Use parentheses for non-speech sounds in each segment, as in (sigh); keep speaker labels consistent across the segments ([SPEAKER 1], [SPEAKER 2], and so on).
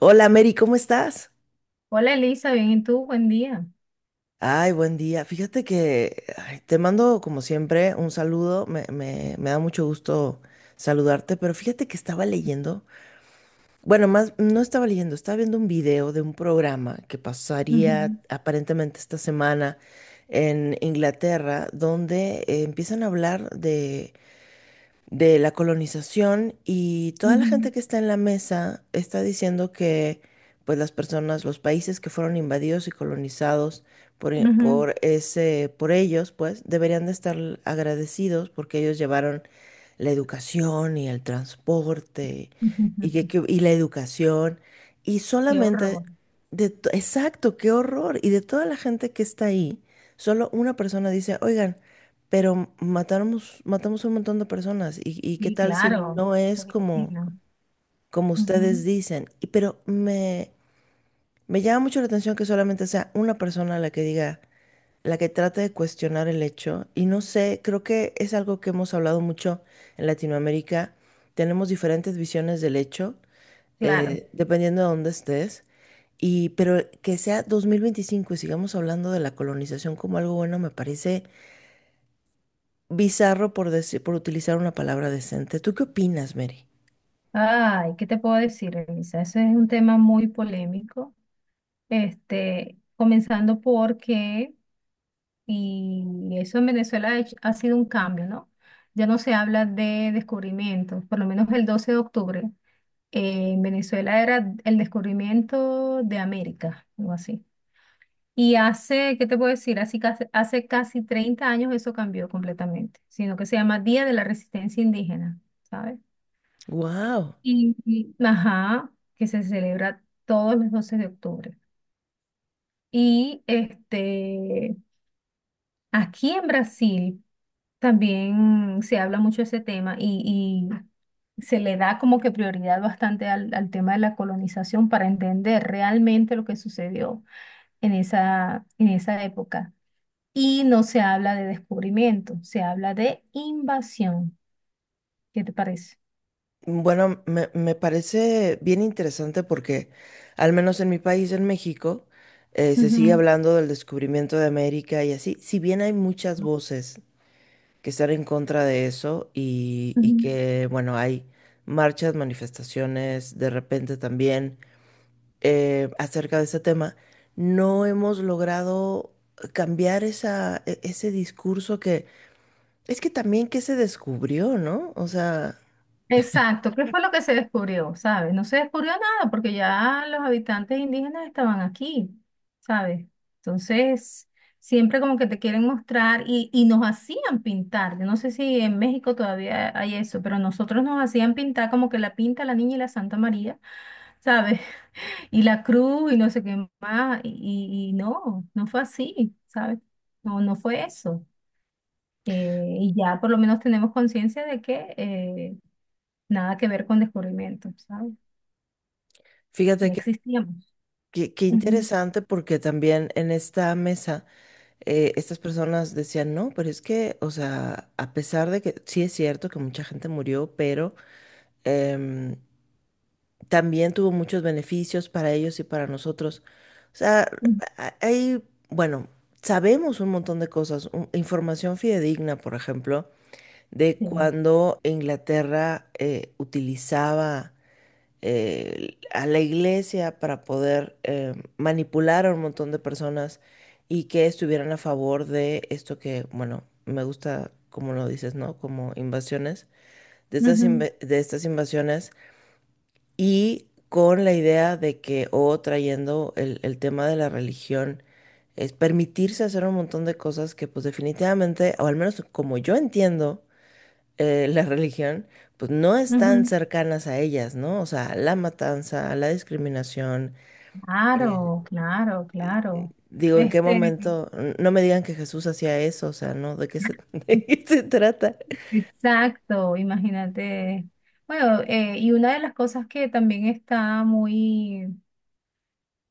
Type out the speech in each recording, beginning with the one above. [SPEAKER 1] Hola Mary, ¿cómo estás?
[SPEAKER 2] Hola Elisa, bien, ¿y tú? Buen día.
[SPEAKER 1] Ay, buen día. Fíjate que ay, te mando como siempre un saludo. Me da mucho gusto saludarte, pero fíjate que estaba leyendo. Bueno, más no estaba leyendo, estaba viendo un video de un programa que pasaría
[SPEAKER 2] Ujú,
[SPEAKER 1] aparentemente esta semana en Inglaterra, donde empiezan a hablar de la colonización y toda la gente
[SPEAKER 2] ujú,
[SPEAKER 1] que está en la mesa está diciendo que pues las personas, los países que fueron invadidos y colonizados por,
[SPEAKER 2] ujú,
[SPEAKER 1] por ese, por ellos, pues deberían de estar agradecidos porque ellos llevaron la educación y el transporte
[SPEAKER 2] (laughs)
[SPEAKER 1] y,
[SPEAKER 2] ujú.
[SPEAKER 1] y la educación y
[SPEAKER 2] Qué horror.
[SPEAKER 1] solamente exacto, qué horror. Y de toda la gente que está ahí, solo una persona dice, oigan, pero matamos, matamos a un montón de personas y qué
[SPEAKER 2] Sí,
[SPEAKER 1] tal si
[SPEAKER 2] claro.
[SPEAKER 1] no es
[SPEAKER 2] Yo me
[SPEAKER 1] como,
[SPEAKER 2] imagino.
[SPEAKER 1] como ustedes
[SPEAKER 2] Ujú,
[SPEAKER 1] dicen. Me llama mucho la atención que solamente sea una persona la que diga la que trata de cuestionar el hecho. Y no sé, creo que es algo que hemos hablado mucho en Latinoamérica. Tenemos diferentes visiones del hecho,
[SPEAKER 2] claro.
[SPEAKER 1] dependiendo de dónde estés. Y, pero que sea 2025 y sigamos hablando de la colonización como algo bueno, me parece bizarro por decir, por utilizar una palabra decente. ¿Tú qué opinas, Mary?
[SPEAKER 2] Ay, ¿qué te puedo decir, Elisa? Ese es un tema muy polémico. Este, comenzando porque, y eso en Venezuela ha sido un cambio, ¿no? Ya no se habla de descubrimientos, por lo menos el 12 de octubre. En Venezuela era el descubrimiento de América, algo así. Y hace, ¿qué te puedo decir? Así casi, hace, casi 30 años eso cambió completamente, sino que se llama Día de la Resistencia Indígena, ¿sabes?
[SPEAKER 1] Wow.
[SPEAKER 2] Ajá, que se celebra todos los 12 de octubre. Y este, aquí en Brasil también se habla mucho de ese tema y se le da como que prioridad bastante al, al tema de la colonización para entender realmente lo que sucedió en esa época. Y no se habla de descubrimiento, se habla de invasión. ¿Qué te parece?
[SPEAKER 1] Bueno, me parece bien interesante porque, al menos en mi país, en México, se sigue
[SPEAKER 2] Ujú,
[SPEAKER 1] hablando del descubrimiento de América y así. Si bien hay muchas voces que están en contra de eso y
[SPEAKER 2] ujú.
[SPEAKER 1] que, bueno, hay marchas, manifestaciones, de repente también acerca de ese tema, no hemos logrado cambiar esa, ese discurso que es que también que se descubrió, ¿no? O sea,
[SPEAKER 2] Exacto, ¿qué fue lo que se descubrió? ¿Sabes? No se descubrió nada porque ya los habitantes indígenas estaban aquí, ¿sabes? Entonces, siempre como que te quieren mostrar y nos hacían pintar. Yo no sé si en México todavía hay eso, pero nosotros nos hacían pintar como que la pinta la niña y la Santa María, ¿sabes? Y la cruz y no sé qué más, y no, no fue así, ¿sabes? No, no fue eso. Y ya por lo menos tenemos conciencia de que nada que ver con descubrimiento, ¿sabes?
[SPEAKER 1] fíjate.
[SPEAKER 2] Ya existíamos.
[SPEAKER 1] Qué, qué
[SPEAKER 2] Ujú,
[SPEAKER 1] interesante porque también en esta mesa estas personas decían, no, pero es que, o sea, a pesar de que sí es cierto que mucha gente murió, pero em, también tuvo muchos beneficios para ellos y para nosotros. O sea,
[SPEAKER 2] ujú,
[SPEAKER 1] a- hay, bueno, sabemos un montón de cosas, información fidedigna, por ejemplo, de
[SPEAKER 2] sí.
[SPEAKER 1] cuando Inglaterra utilizaba a la iglesia para poder manipular a un montón de personas y que estuvieran a favor de esto que, bueno, me gusta, como lo dices, ¿no? Como invasiones, de estas,
[SPEAKER 2] Ujú,
[SPEAKER 1] de estas invasiones y con la idea de que, o trayendo el tema de la religión, es permitirse hacer un montón de cosas que pues definitivamente, o al menos como yo entiendo, la religión, pues no están
[SPEAKER 2] ujú.
[SPEAKER 1] cercanas a ellas, ¿no? O sea, la matanza, la discriminación. eh,
[SPEAKER 2] Claro, claro, claro.
[SPEAKER 1] Digo, ¿en qué
[SPEAKER 2] Este,
[SPEAKER 1] momento? No me digan que Jesús hacía eso, o sea, ¿no? (laughs) ¿De qué se trata?
[SPEAKER 2] exacto, imagínate. Bueno, y una de las cosas que también está muy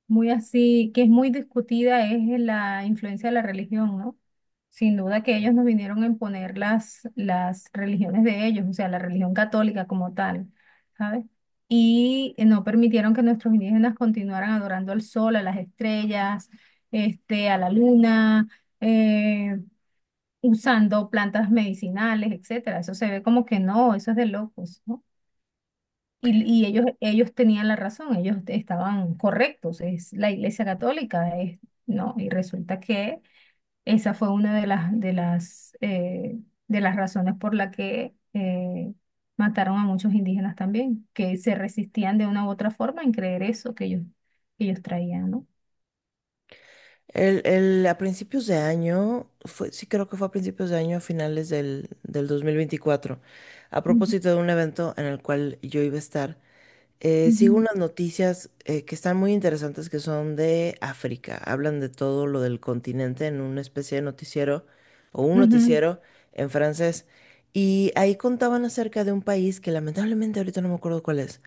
[SPEAKER 2] muy así, que es muy discutida, es la influencia de la religión, ¿no? Sin duda que ellos nos vinieron a imponer las religiones de ellos, o sea, la religión católica como tal, ¿sabes? Y no permitieron que nuestros indígenas continuaran adorando al sol, a las estrellas, este, a la luna, eh, usando plantas medicinales, etcétera. Eso se ve como que no, eso es de locos, ¿no? Y ellos tenían la razón, ellos estaban correctos, es la Iglesia Católica, es, no, y resulta que esa fue una de las razones por la que mataron a muchos indígenas también, que se resistían de una u otra forma en creer eso que ellos traían, no.
[SPEAKER 1] A principios de año, fue, sí creo que fue a principios de año, a finales del 2024, a
[SPEAKER 2] Ujú,
[SPEAKER 1] propósito de un evento en el cual yo iba a estar, sigo unas noticias que están muy interesantes que son de África. Hablan de todo lo del continente en una especie de noticiero o un
[SPEAKER 2] ujú, ujú,
[SPEAKER 1] noticiero en francés. Y ahí contaban acerca de un país que lamentablemente ahorita no me acuerdo cuál es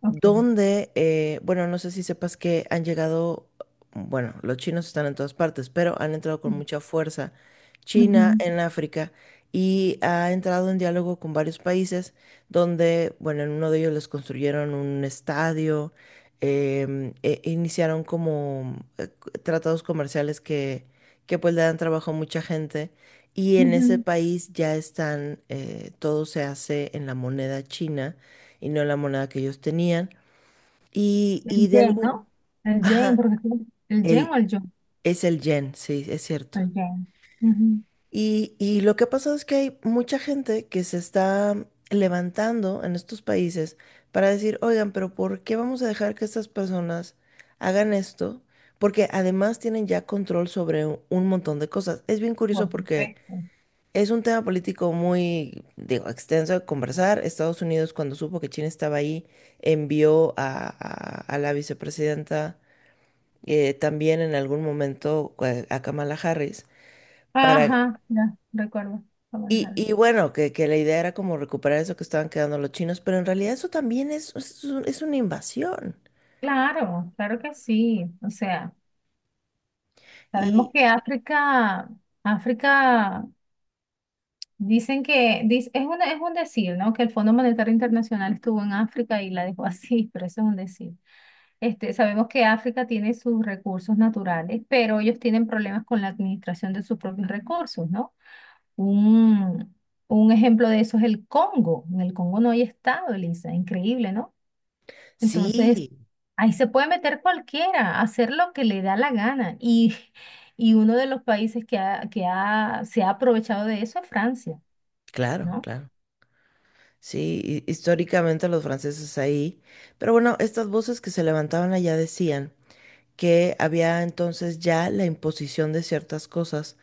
[SPEAKER 2] ok.
[SPEAKER 1] donde, bueno, no sé si sepas que han llegado, bueno, los chinos están en todas partes, pero han entrado con mucha fuerza
[SPEAKER 2] Ujú,
[SPEAKER 1] China en África y ha entrado en diálogo con varios países donde, bueno, en uno de ellos les construyeron un estadio, iniciaron como tratados comerciales que pues le dan trabajo a mucha gente. Y en ese
[SPEAKER 2] ujú.
[SPEAKER 1] país ya están, todo se hace en la moneda china y no en la moneda que ellos tenían.
[SPEAKER 2] El
[SPEAKER 1] Y de
[SPEAKER 2] yen,
[SPEAKER 1] algún...
[SPEAKER 2] ¿no? El yen,
[SPEAKER 1] Ajá,
[SPEAKER 2] porque el yen
[SPEAKER 1] el,
[SPEAKER 2] o el yo,
[SPEAKER 1] es el yen, sí, es cierto.
[SPEAKER 2] el yen. Ujú,
[SPEAKER 1] Y lo que ha pasado es que hay mucha gente que se está levantando en estos países para decir, oigan, pero ¿por qué vamos a dejar que estas personas hagan esto? Porque además tienen ya control sobre un montón de cosas. Es bien curioso
[SPEAKER 2] por
[SPEAKER 1] porque
[SPEAKER 2] supuesto.
[SPEAKER 1] es un tema político muy, digo, extenso de conversar. Estados Unidos, cuando supo que China estaba ahí, envió a la vicepresidenta también en algún momento a Kamala Harris para...
[SPEAKER 2] Ajá, ya, recuerdo cómo les
[SPEAKER 1] Y,
[SPEAKER 2] hablo.
[SPEAKER 1] y bueno, que la idea era como recuperar eso que estaban quedando los chinos, pero en realidad eso también es una invasión.
[SPEAKER 2] Claro, claro que sí. O sea, sabemos
[SPEAKER 1] Y
[SPEAKER 2] que África, África, dicen que, es una, es un decir, ¿no? Que el Fondo Monetario Internacional estuvo en África y la dejó así, (laughs) pero eso es un decir. Este, sabemos que África tiene sus recursos naturales, pero ellos tienen problemas con la administración de sus propios recursos, ¿no? Un, un ejemplo de eso es el Congo. En el Congo no hay estado, Elisa, increíble, ¿no? Entonces,
[SPEAKER 1] sí,
[SPEAKER 2] ahí se puede meter cualquiera, hacer lo que le da la gana. Y, (laughs) y uno de los países que, se ha aprovechado de eso es Francia,
[SPEAKER 1] claro,
[SPEAKER 2] ¿no?
[SPEAKER 1] claro. Sí, históricamente los franceses ahí. Pero bueno, estas voces que se levantaban allá decían que había entonces ya la imposición de ciertas cosas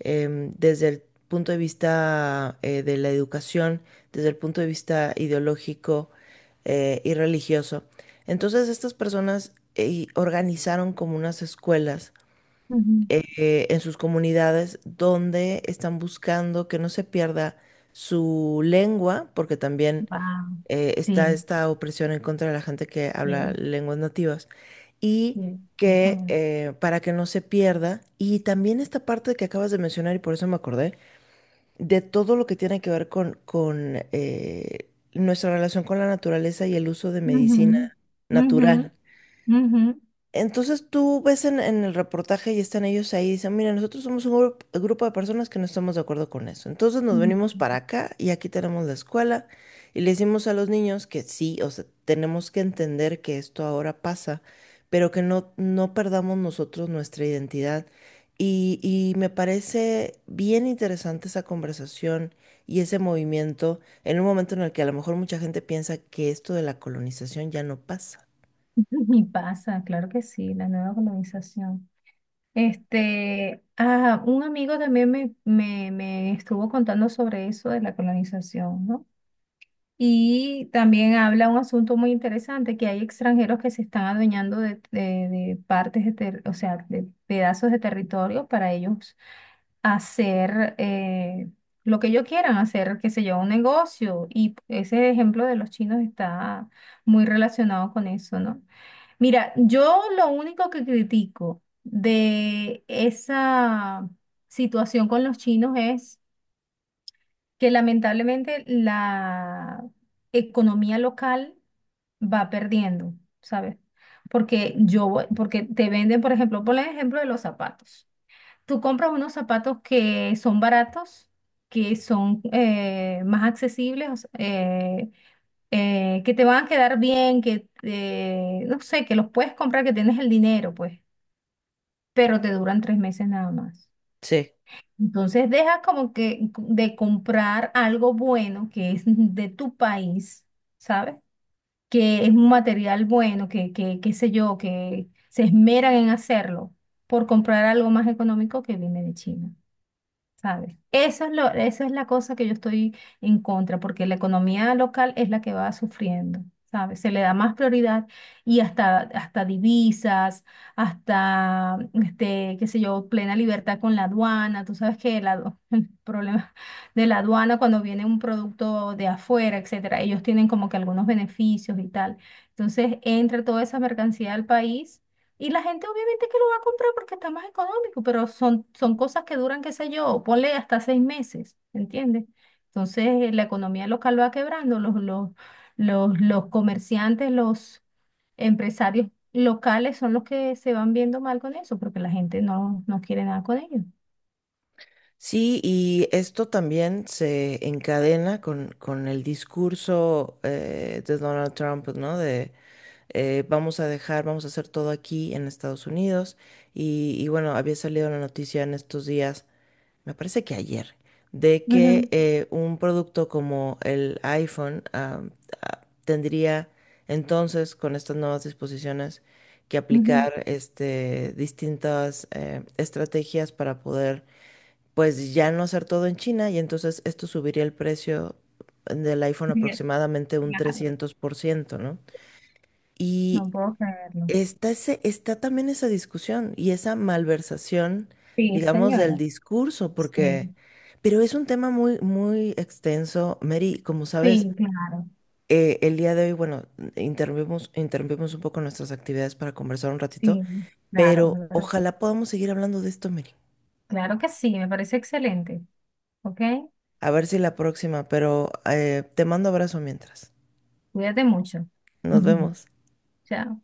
[SPEAKER 1] desde el punto de vista de la educación, desde el punto de vista ideológico y religioso. Entonces estas personas organizaron como unas escuelas
[SPEAKER 2] Ujú.
[SPEAKER 1] en sus comunidades donde están buscando que no se pierda su lengua, porque también
[SPEAKER 2] Wow.
[SPEAKER 1] está
[SPEAKER 2] Sí,
[SPEAKER 1] esta opresión en contra de la gente que habla
[SPEAKER 2] sí,
[SPEAKER 1] lenguas nativas y
[SPEAKER 2] sí,
[SPEAKER 1] que
[SPEAKER 2] exactamente.
[SPEAKER 1] para que no se pierda, y también esta parte que acabas de mencionar y por eso me acordé, de todo lo que tiene que ver con nuestra relación con la naturaleza y el uso de medicina
[SPEAKER 2] Ujú, ujú,
[SPEAKER 1] natural.
[SPEAKER 2] ujú.
[SPEAKER 1] Entonces tú ves en el reportaje y están ellos ahí y dicen, mira, nosotros somos un grupo de personas que no estamos de acuerdo con eso. Entonces nos venimos
[SPEAKER 2] Ujú.
[SPEAKER 1] para acá y aquí tenemos la escuela y le decimos a los niños que sí, o sea, tenemos que entender que esto ahora pasa, pero que no, no perdamos nosotros nuestra identidad. Y me parece bien interesante esa conversación y ese movimiento en un momento en el que a lo mejor mucha gente piensa que esto de la colonización ya no pasa.
[SPEAKER 2] (laughs) Y pasa, claro que sí, la nueva colonización. Este, ah, un amigo también me estuvo contando sobre eso de la colonización, ¿no? Y también habla un asunto muy interesante, que hay extranjeros que se están adueñando de partes, o sea, de pedazos de territorio para ellos hacer lo que ellos quieran, hacer, qué sé yo, un negocio. Y ese ejemplo de los chinos está muy relacionado con eso, ¿no? Mira, yo lo único que critico de esa situación con los chinos es que lamentablemente la economía local va perdiendo, ¿sabes? Porque yo, porque te venden, por ejemplo, por el ejemplo de los zapatos. Tú compras unos zapatos que son baratos, que son más accesibles, o sea, que te van a quedar bien, que no sé, que los puedes comprar, que tienes el dinero, pues, pero te duran 3 meses nada más.
[SPEAKER 1] Sí.
[SPEAKER 2] Entonces dejas como que de comprar algo bueno que es de tu país, ¿sabes? Que es un material bueno, qué sé yo, que se esmeran en hacerlo por comprar algo más económico que viene de China. ¿Sabes? Eso es lo, eso es la cosa que yo estoy en contra, porque la economía local es la que va sufriendo, ¿sabes? Se le da más prioridad y hasta, hasta divisas, hasta, este, qué sé yo, plena libertad con la aduana. Tú sabes que (laughs) el problema de la aduana cuando viene un producto de afuera, etcétera, ellos tienen como que algunos beneficios y tal. Entonces entra toda esa mercancía al país. Y la gente obviamente que lo va a comprar porque está más económico, pero son, cosas que duran, qué sé yo, ponle hasta 6 meses, ¿entiendes? Entonces la economía local va quebrando, los comerciantes, los empresarios locales son los que se van viendo mal con eso, porque la gente no, no quiere nada con ellos.
[SPEAKER 1] Sí, y esto también se encadena con el discurso de Donald Trump, ¿no? De vamos a dejar, vamos a hacer todo aquí en Estados Unidos. Y bueno, había salido la noticia en estos días, me parece que ayer, de que
[SPEAKER 2] Ujú,
[SPEAKER 1] un producto como el iPhone tendría entonces, con estas nuevas disposiciones, que
[SPEAKER 2] ujú.
[SPEAKER 1] aplicar este, distintas estrategias para poder pues ya no hacer todo en China y entonces esto subiría el precio del iPhone
[SPEAKER 2] Bien,
[SPEAKER 1] aproximadamente un
[SPEAKER 2] claro.
[SPEAKER 1] 300%, ¿no?
[SPEAKER 2] No
[SPEAKER 1] Y
[SPEAKER 2] puedo creerlo.
[SPEAKER 1] está, ese, está también esa discusión y esa malversación,
[SPEAKER 2] Sí,
[SPEAKER 1] digamos, del
[SPEAKER 2] señora.
[SPEAKER 1] discurso,
[SPEAKER 2] Sí,
[SPEAKER 1] porque, pero es un tema muy, muy extenso. Mary, como sabes,
[SPEAKER 2] sí, claro.
[SPEAKER 1] el día de hoy, bueno, interrumpimos, interrumpimos un poco nuestras actividades para conversar un ratito,
[SPEAKER 2] Sí, claro,
[SPEAKER 1] pero
[SPEAKER 2] es verdad.
[SPEAKER 1] ojalá podamos seguir hablando de esto, Mary.
[SPEAKER 2] Claro que sí, me parece excelente. ¿Ok?
[SPEAKER 1] A ver si la próxima, pero te mando abrazo mientras.
[SPEAKER 2] Cuídate mucho.
[SPEAKER 1] Nos
[SPEAKER 2] (laughs)
[SPEAKER 1] vemos.
[SPEAKER 2] Chao.